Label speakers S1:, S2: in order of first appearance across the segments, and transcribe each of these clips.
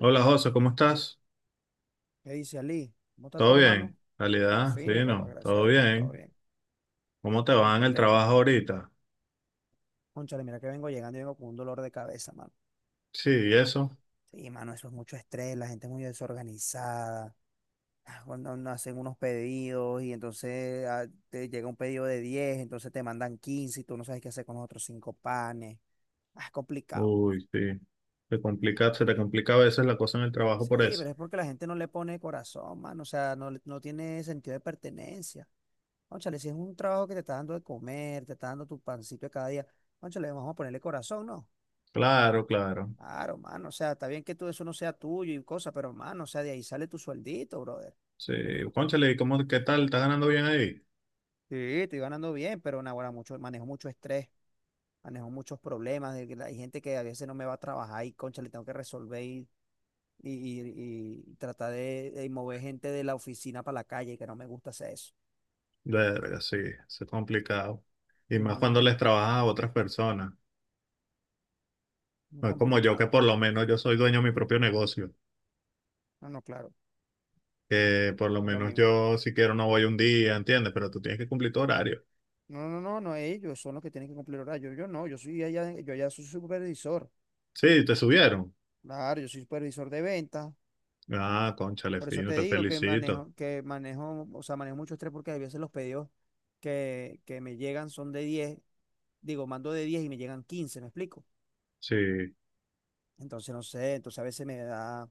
S1: Hola José, ¿cómo estás?
S2: ¿Qué dice Ali? ¿Cómo está
S1: ¿Todo
S2: todo, mano?
S1: bien?
S2: Todo
S1: ¿Calidad?
S2: fino, papá,
S1: Fino,
S2: gracias
S1: todo
S2: a Dios, todo
S1: bien.
S2: bien.
S1: ¿Cómo te
S2: Me
S1: va en el
S2: contenta.
S1: trabajo ahorita?
S2: Cónchale, mira que vengo llegando y vengo con un dolor de cabeza, mano.
S1: Sí, ¿y eso?
S2: Sí, mano, eso es mucho estrés, la gente es muy desorganizada. Cuando no hacen unos pedidos y entonces te llega un pedido de diez, entonces te mandan 15 y tú no sabes qué hacer con los otros 5 panes. Es complicado.
S1: Uy, sí. Te complica, se te complica a veces la cosa en el trabajo por
S2: Sí,
S1: eso.
S2: pero es porque la gente no le pone corazón, mano. O sea, no, no tiene sentido de pertenencia. Ónchale, si es un trabajo que te está dando de comer, te está dando tu pancito de cada día, ónchale, vamos a ponerle corazón, ¿no?
S1: Claro, claro.
S2: Claro, mano, o sea, está bien que todo eso no sea tuyo y cosas, pero mano, o sea, de ahí sale tu sueldito, brother.
S1: Sí. Cónchale, ¿y cómo, qué tal? ¿Estás ganando bien ahí?
S2: Sí, estoy ganando bien, pero naguará, mucho, manejo mucho estrés, manejo muchos problemas, de que hay gente que a veces no me va a trabajar y, concha, le tengo que resolver y, y tratar de mover gente de la oficina para la calle, que no me gusta hacer eso.
S1: Verga, sí, eso es complicado. Y más cuando
S2: Ujú.
S1: les trabajas a otras personas.
S2: Muy
S1: No es como yo, que
S2: complicado.
S1: por lo menos yo soy dueño de mi propio negocio.
S2: No, no, claro,
S1: Que por lo
S2: no es lo
S1: menos
S2: mismo.
S1: yo, si quiero, no voy un día, ¿entiendes? Pero tú tienes que cumplir tu horario.
S2: No, no, no, no, ellos son los que tienen que cumplir horario. Yo no, yo soy allá, yo allá soy supervisor.
S1: Sí, te subieron.
S2: Claro, yo soy supervisor de ventas.
S1: Ah, cónchale,
S2: Por eso
S1: fino,
S2: te
S1: te
S2: digo que
S1: felicito.
S2: manejo, o sea, manejo mucho estrés, porque a veces los pedidos que me llegan son de 10. Digo, mando de 10 y me llegan 15. ¿Me explico?
S1: Sí,
S2: Entonces no sé, entonces a veces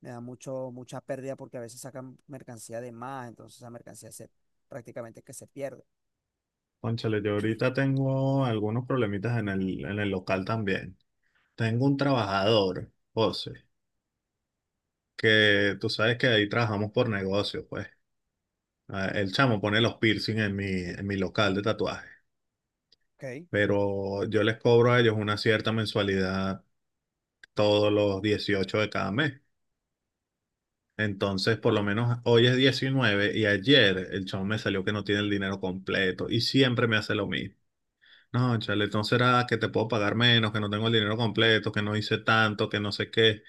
S2: me da mucho, mucha pérdida, porque a veces sacan mercancía de más, entonces esa mercancía se prácticamente que se pierde.
S1: cónchale, yo ahorita tengo algunos problemitas en el local también. Tengo un trabajador, José, que tú sabes que ahí trabajamos por negocio, pues. Ah, el chamo pone los piercing en mi local de tatuaje,
S2: ¿Ok?
S1: pero yo les cobro a ellos una cierta mensualidad todos los 18 de cada mes. Entonces, por lo menos hoy es 19 y ayer el chamo me salió que no tiene el dinero completo y siempre me hace lo mismo. No, chale, entonces era que te puedo pagar menos, que no tengo el dinero completo, que no hice tanto, que no sé qué.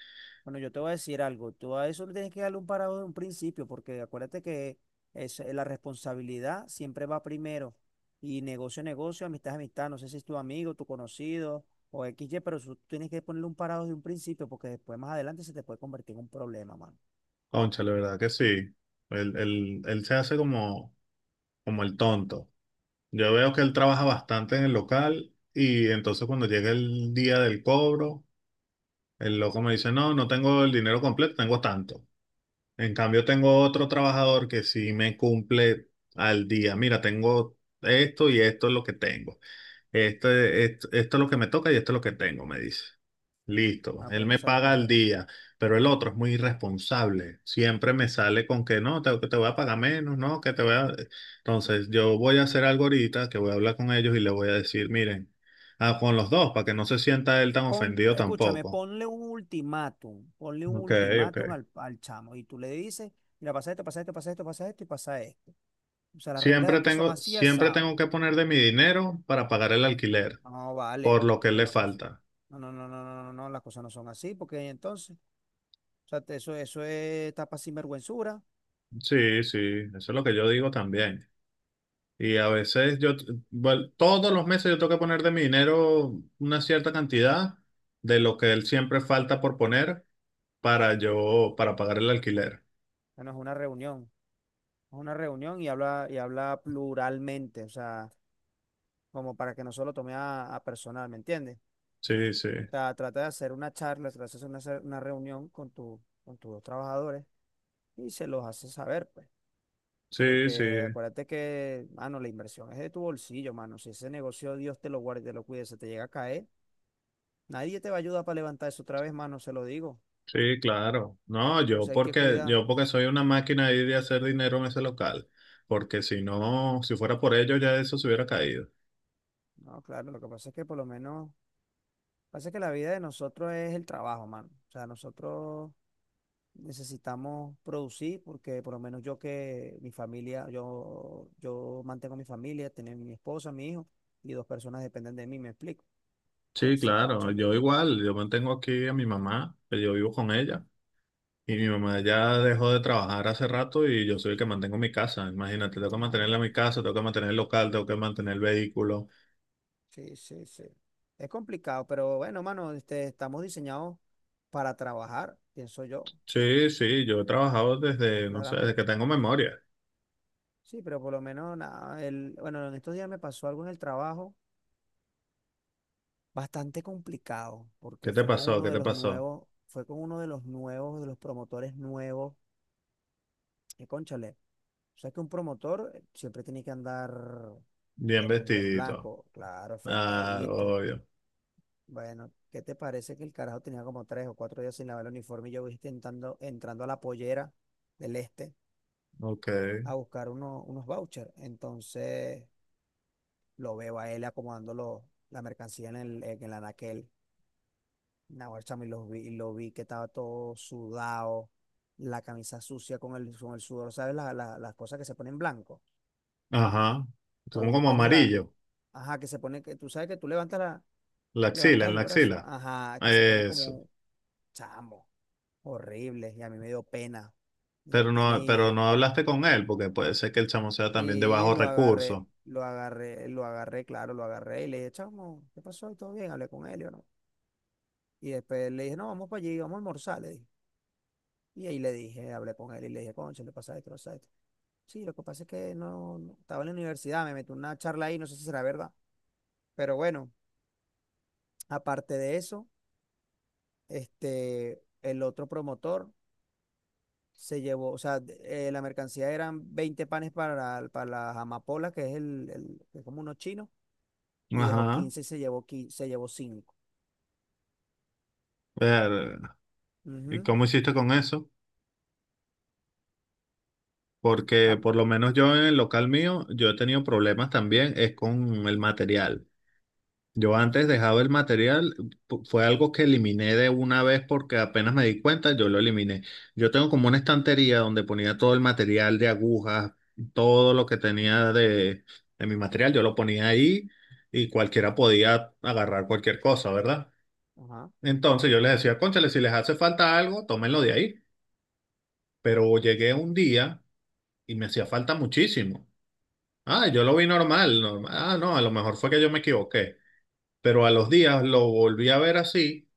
S2: Bueno, yo te voy a decir algo. Tú a eso le tienes que darle un parado de un principio, porque acuérdate que es, la responsabilidad siempre va primero. Y negocio, negocio, amistad, amistad. No sé si es tu amigo, tu conocido o XY, pero eso tú tienes que ponerle un parado de un principio, porque después, más adelante, se te puede convertir en un problema, mano.
S1: Cónchale, ¿verdad que sí? Él se hace como, como el tonto. Yo veo que él trabaja bastante en el local y entonces cuando llega el día del cobro, el loco me dice, no, no tengo el dinero completo, tengo tanto. En cambio, tengo otro trabajador que sí me cumple al día. Mira, tengo esto y esto es lo que tengo. Esto, esto, esto es lo que me toca y esto es lo que tengo, me dice. Listo,
S2: Ah, pero
S1: él
S2: hay que
S1: me
S2: hacer las
S1: paga al
S2: cosas.
S1: día, pero el otro es muy irresponsable. Siempre me sale con que no, te, que te voy a pagar menos, no, que te voy a... Entonces, yo voy a hacer algo ahorita, que voy a hablar con ellos y le voy a decir, miren, ah, con los dos, para que no se sienta él tan
S2: Pon,
S1: ofendido
S2: escúchame,
S1: tampoco.
S2: ponle un ultimátum. Ponle un
S1: Ok, ok.
S2: ultimátum al chamo. Y tú le dices, mira, pasa esto, pasa esto, pasa esto, pasa esto y pasa esto. O sea, las reglas de
S1: Siempre
S2: aquí son
S1: tengo,
S2: así,
S1: siempre
S2: asado.
S1: tengo que poner de mi dinero para pagar el alquiler,
S2: No,
S1: por
S2: vale.
S1: lo que
S2: Eso
S1: le
S2: no, es cosa-
S1: falta.
S2: no, no, no, no, no, no, no, las cosas no son así, porque entonces, o sea, eso, eso es tapa sinvergüenzura,
S1: Sí, sí, eso es lo que yo digo también. Y a veces yo, bueno, todos los meses yo tengo que poner de mi dinero una cierta cantidad de lo que él siempre falta por poner para yo, para pagar el alquiler.
S2: ya no es una reunión, es una reunión y habla pluralmente, o sea, como para que no solo tome a personal, ¿me entiendes?
S1: Sí, sí,
S2: O sea, trata de hacer una charla, trata de hacer una, una reunión con tu, con tus trabajadores y se los hace saber, pues.
S1: sí, sí,
S2: Porque acuérdate que, mano, la inversión es de tu bolsillo, mano. Si ese negocio, Dios te lo guarde y te lo cuide, se te llega a caer. Nadie te va a ayudar para levantarse otra vez, mano, se lo digo.
S1: sí, claro. No, yo
S2: Entonces hay que
S1: porque,
S2: cuidar.
S1: yo porque soy una máquina ahí de hacer dinero en ese local. Porque si no, si fuera por ello, ya eso se hubiera caído.
S2: No, claro, lo que pasa es que por lo menos, pasa que la vida de nosotros es el trabajo, mano. O sea, nosotros necesitamos producir porque por lo menos yo que mi familia, yo mantengo mi familia, tener mi esposa, mi hijo y dos personas dependen de mí, me explico.
S1: Sí,
S2: Entonces,
S1: claro,
S2: cónchale.
S1: yo igual, yo mantengo aquí a mi mamá, que yo vivo con ella. Y mi mamá ya dejó de trabajar hace rato y yo soy el que mantengo mi casa. Imagínate, tengo que
S2: Ah,
S1: mantenerla
S2: bueno.
S1: mi casa, tengo que mantener el local, tengo que mantener el vehículo.
S2: Sí, sí, sí. Es complicado, pero bueno, mano, estamos diseñados para trabajar, pienso yo,
S1: Sí, sí, yo he trabajado desde, no sé, desde que
S2: claramente.
S1: tengo memoria.
S2: Sí, pero por lo menos nada, el, bueno, en estos días me pasó algo en el trabajo bastante complicado,
S1: ¿Qué
S2: porque
S1: te
S2: fue con
S1: pasó?
S2: uno
S1: ¿Qué
S2: de
S1: te
S2: los
S1: pasó?
S2: nuevos, fue con uno de los nuevos, de los promotores nuevos, que cónchale, o sea que un promotor siempre tiene que andar
S1: Bien
S2: de punta en
S1: vestidito.
S2: blanco, claro,
S1: Ah,
S2: afeitadito.
S1: obvio.
S2: Bueno, ¿qué te parece que el carajo tenía como tres o cuatro días sin lavar el uniforme y yo voy intentando, entrando a la pollera del este
S1: Ok.
S2: a buscar unos vouchers? Entonces lo veo a él acomodando la mercancía en el anaquel. Naguará, chamo, y lo vi que estaba todo sudado, la camisa sucia con el sudor, ¿sabes? Las cosas que se ponen blanco.
S1: Ajá. Como,
S2: Cuando tú
S1: como
S2: tienes la,
S1: amarillo.
S2: ajá, que se pone, que tú sabes que tú levantas, la,
S1: La axila,
S2: levantas
S1: en
S2: el
S1: la
S2: brazo,
S1: axila.
S2: ajá, que se pone
S1: Eso.
S2: como chamo, horrible. Y a mí me dio pena
S1: Pero no hablaste con él, porque puede ser que el chamo sea también de
S2: y
S1: bajos
S2: lo agarré.
S1: recursos.
S2: Claro, lo agarré y le dije, chamo, ¿qué pasó? ¿Y todo bien? Hablé con él, y yo, ¿no? Y después le dije, no, vamos para allí, vamos a almorzar, le dije. Y ahí le dije, hablé con él y le dije, concha, le pasa esto, le pasa esto. Sí, lo que pasa es que estaba en la universidad, me metí una charla ahí, no sé si será verdad. Pero bueno, aparte de eso, el otro promotor se llevó, o sea, la mercancía eran 20 panes para las amapolas, que es que es como unos chinos, y dejó
S1: Ajá.
S2: 15 y se llevó, 15, se llevó cinco.
S1: Ver, ¿y
S2: Ujú,
S1: cómo hiciste con eso? Porque
S2: pap.
S1: por lo menos yo en el local mío, yo he tenido problemas también, es con el material. Yo antes dejaba el material, fue algo que eliminé de una vez porque apenas me di cuenta, yo lo eliminé. Yo tengo como una estantería donde ponía todo el material de agujas, todo lo que tenía de mi material, yo lo ponía ahí y cualquiera podía agarrar cualquier cosa, ¿verdad?
S2: Ajá.
S1: Entonces yo les decía, cónchale, si les hace falta algo, tómenlo de ahí. Pero llegué un día y me hacía falta muchísimo. Ah, yo lo vi normal, normal. Ah, no, a lo mejor fue que yo me equivoqué. Pero a los días lo volví a ver así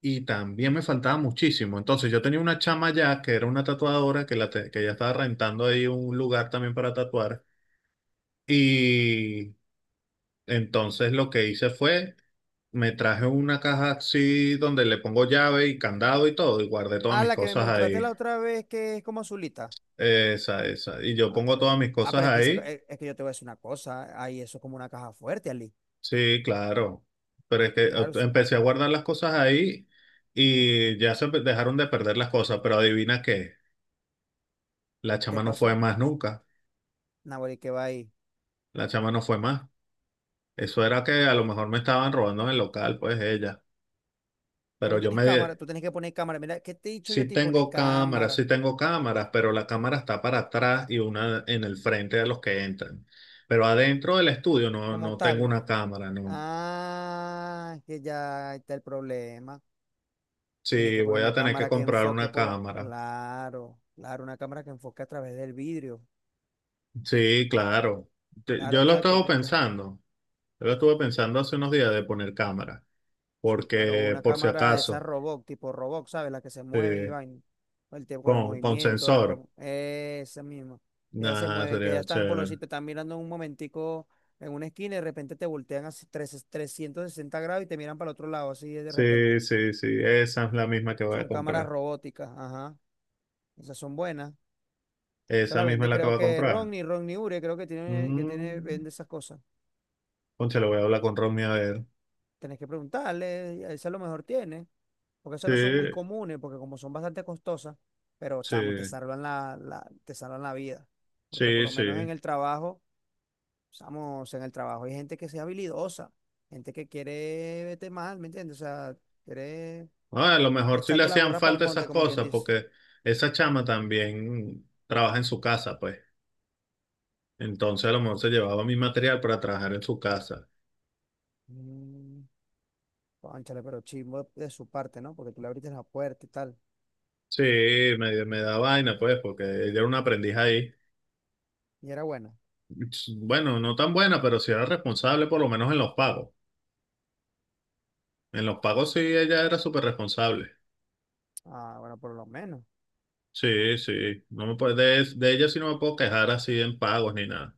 S1: y también me faltaba muchísimo. Entonces yo tenía una chama ya que era una tatuadora que, que ya estaba rentando ahí un lugar también para tatuar. Y entonces lo que hice fue, me traje una caja así donde le pongo llave y candado y todo y guardé todas
S2: Ah,
S1: mis
S2: la que me
S1: cosas
S2: mostraste
S1: ahí.
S2: la otra vez, que es como azulita.
S1: Esa, esa. Y yo
S2: Ah, ok.
S1: pongo todas mis cosas
S2: Pero es que, esa
S1: ahí.
S2: es que yo te voy a decir una cosa. Ahí eso es como una caja fuerte, Ali.
S1: Sí, claro. Pero es que
S2: Claro, eso-
S1: empecé a guardar las cosas ahí y ya dejaron de perder las cosas, pero adivina qué, la chama
S2: ¿Qué
S1: no fue
S2: pasó?
S1: más nunca,
S2: Nahuel, ¿qué va ahí?
S1: la chama no fue más. Eso era que a lo mejor me estaban robando en el local, pues ella.
S2: Tú
S1: Pero
S2: no tienes cámara, tú tienes que poner cámara. Mira, ¿qué te he dicho yo a ti? Poner cámara
S1: sí tengo cámaras, pero la cámara está para atrás y una en el frente de los que entran. Pero adentro del estudio no,
S2: como
S1: no tengo
S2: tal.
S1: una cámara, no.
S2: Ah, es que ya ahí está el problema. Tienes
S1: Sí,
S2: que poner
S1: voy a
S2: una
S1: tener que
S2: cámara que
S1: comprar
S2: enfoque
S1: una
S2: por lo…
S1: cámara.
S2: Claro, claro, una cámara que enfoque a través del vidrio.
S1: Sí, claro.
S2: Claro,
S1: Yo lo he
S2: exacto,
S1: estado
S2: porque
S1: pensando. Yo lo estuve pensando hace unos días de poner cámara,
S2: sí, claro,
S1: porque
S2: una
S1: por si
S2: cámara de esas
S1: acaso,
S2: robot, tipo robot, ¿sabes? Las que se
S1: sí,
S2: mueven y van el tiempo, con el
S1: con
S2: movimiento, la
S1: sensor.
S2: broma. Esa misma. Que ya se
S1: Nada,
S2: mueven, que
S1: sería
S2: ya están por los
S1: chévere.
S2: sitios, están mirando un momentico en una esquina y de repente te voltean así 360 grados y te miran para el otro lado, así de repente.
S1: Sí, sí, sí, esa es la misma que voy a
S2: Son cámaras
S1: comprar.
S2: robóticas, ajá. Esas son buenas. Se
S1: Esa
S2: la
S1: misma es
S2: vende,
S1: la que
S2: creo
S1: voy a
S2: que
S1: comprar.
S2: Ronnie, Ronnie Ure, creo que tiene,
S1: Mm.
S2: vende esas cosas.
S1: Concha, le voy a hablar con Ronnie a ver.
S2: Tenés que preguntarle, esa a lo mejor tiene. Porque esas
S1: Sí,
S2: no son muy comunes, porque como son bastante costosas, pero
S1: sí,
S2: chamo, te salvan la vida. Porque por
S1: sí,
S2: lo menos en
S1: sí.
S2: el trabajo, chamo, o sea, en el trabajo hay gente que sea habilidosa, gente que quiere vete mal, ¿me entiendes? O sea, quiere
S1: Ah, a lo mejor sí le
S2: echarte la
S1: hacían
S2: burra para el
S1: falta
S2: monte,
S1: esas
S2: como quien
S1: cosas,
S2: dice.
S1: porque esa chama también trabaja en su casa, pues. Entonces a lo mejor se llevaba mi material para trabajar en su casa.
S2: Mm, cónchale, pero chismo de su parte, ¿no? Porque tú le abriste la puerta y tal.
S1: Sí, me da vaina, pues, porque ella era una aprendiz ahí.
S2: Y era buena.
S1: Bueno, no tan buena, pero sí era responsable, por lo menos en los pagos. En los pagos sí, ella era súper responsable.
S2: Ah, bueno, por lo menos.
S1: Sí, sí. No me puedo de ella sí no me puedo quejar así en pagos ni nada.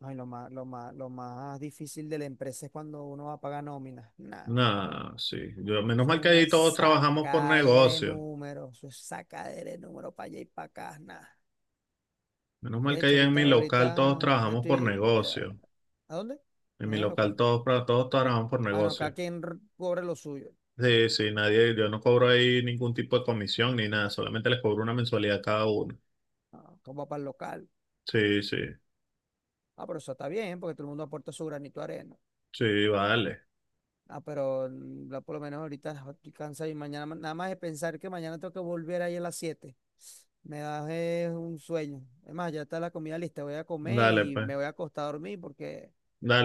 S2: Ay, lo más, lo más, lo más difícil de la empresa es cuando uno va a pagar nómina. Nah,
S1: Nada, sí. Yo, menos
S2: eso es
S1: mal que ahí
S2: una
S1: todos trabajamos por
S2: sacadera de
S1: negocio.
S2: números, eso es sacadera de números para allá y para acá, nada.
S1: Menos mal
S2: De
S1: que
S2: hecho,
S1: ahí en
S2: ahorita,
S1: mi local todos
S2: ahorita, ya
S1: trabajamos por
S2: estoy, ya,
S1: negocio.
S2: ¿a dónde?
S1: En mi
S2: Mañana al
S1: local
S2: local.
S1: todos, todos trabajamos por
S2: Ah, no, cada
S1: negocio.
S2: quien cobre lo suyo.
S1: Sí, sí, nadie, yo no cobro ahí ningún tipo de comisión ni nada, solamente les cobro una mensualidad a cada uno.
S2: Ah, como para el local.
S1: Sí, sí,
S2: Ah, pero eso está bien, porque todo el mundo aporta su granito de arena.
S1: sí, vale,
S2: Ah, pero mm, ya por lo menos ahorita estoy cansado y mañana, nada más de pensar que mañana tengo que volver ahí a las 7. Me da un sueño. Es más, ya está la comida lista, voy a comer
S1: dale
S2: y
S1: pues,
S2: me voy a acostar a dormir porque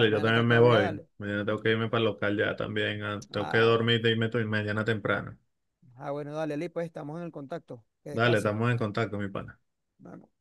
S2: ya
S1: yo
S2: mañana
S1: también
S2: tengo que
S1: me
S2: volver a
S1: voy.
S2: darle.
S1: Mañana tengo que irme para el local ya también, ah, tengo que
S2: Ah, bueno.
S1: dormir y irme mañana temprano.
S2: Ah, bueno, dale, Lee, pues estamos en el contacto. Que
S1: Dale,
S2: descanse.
S1: estamos en contacto, mi pana.
S2: Nos vemos.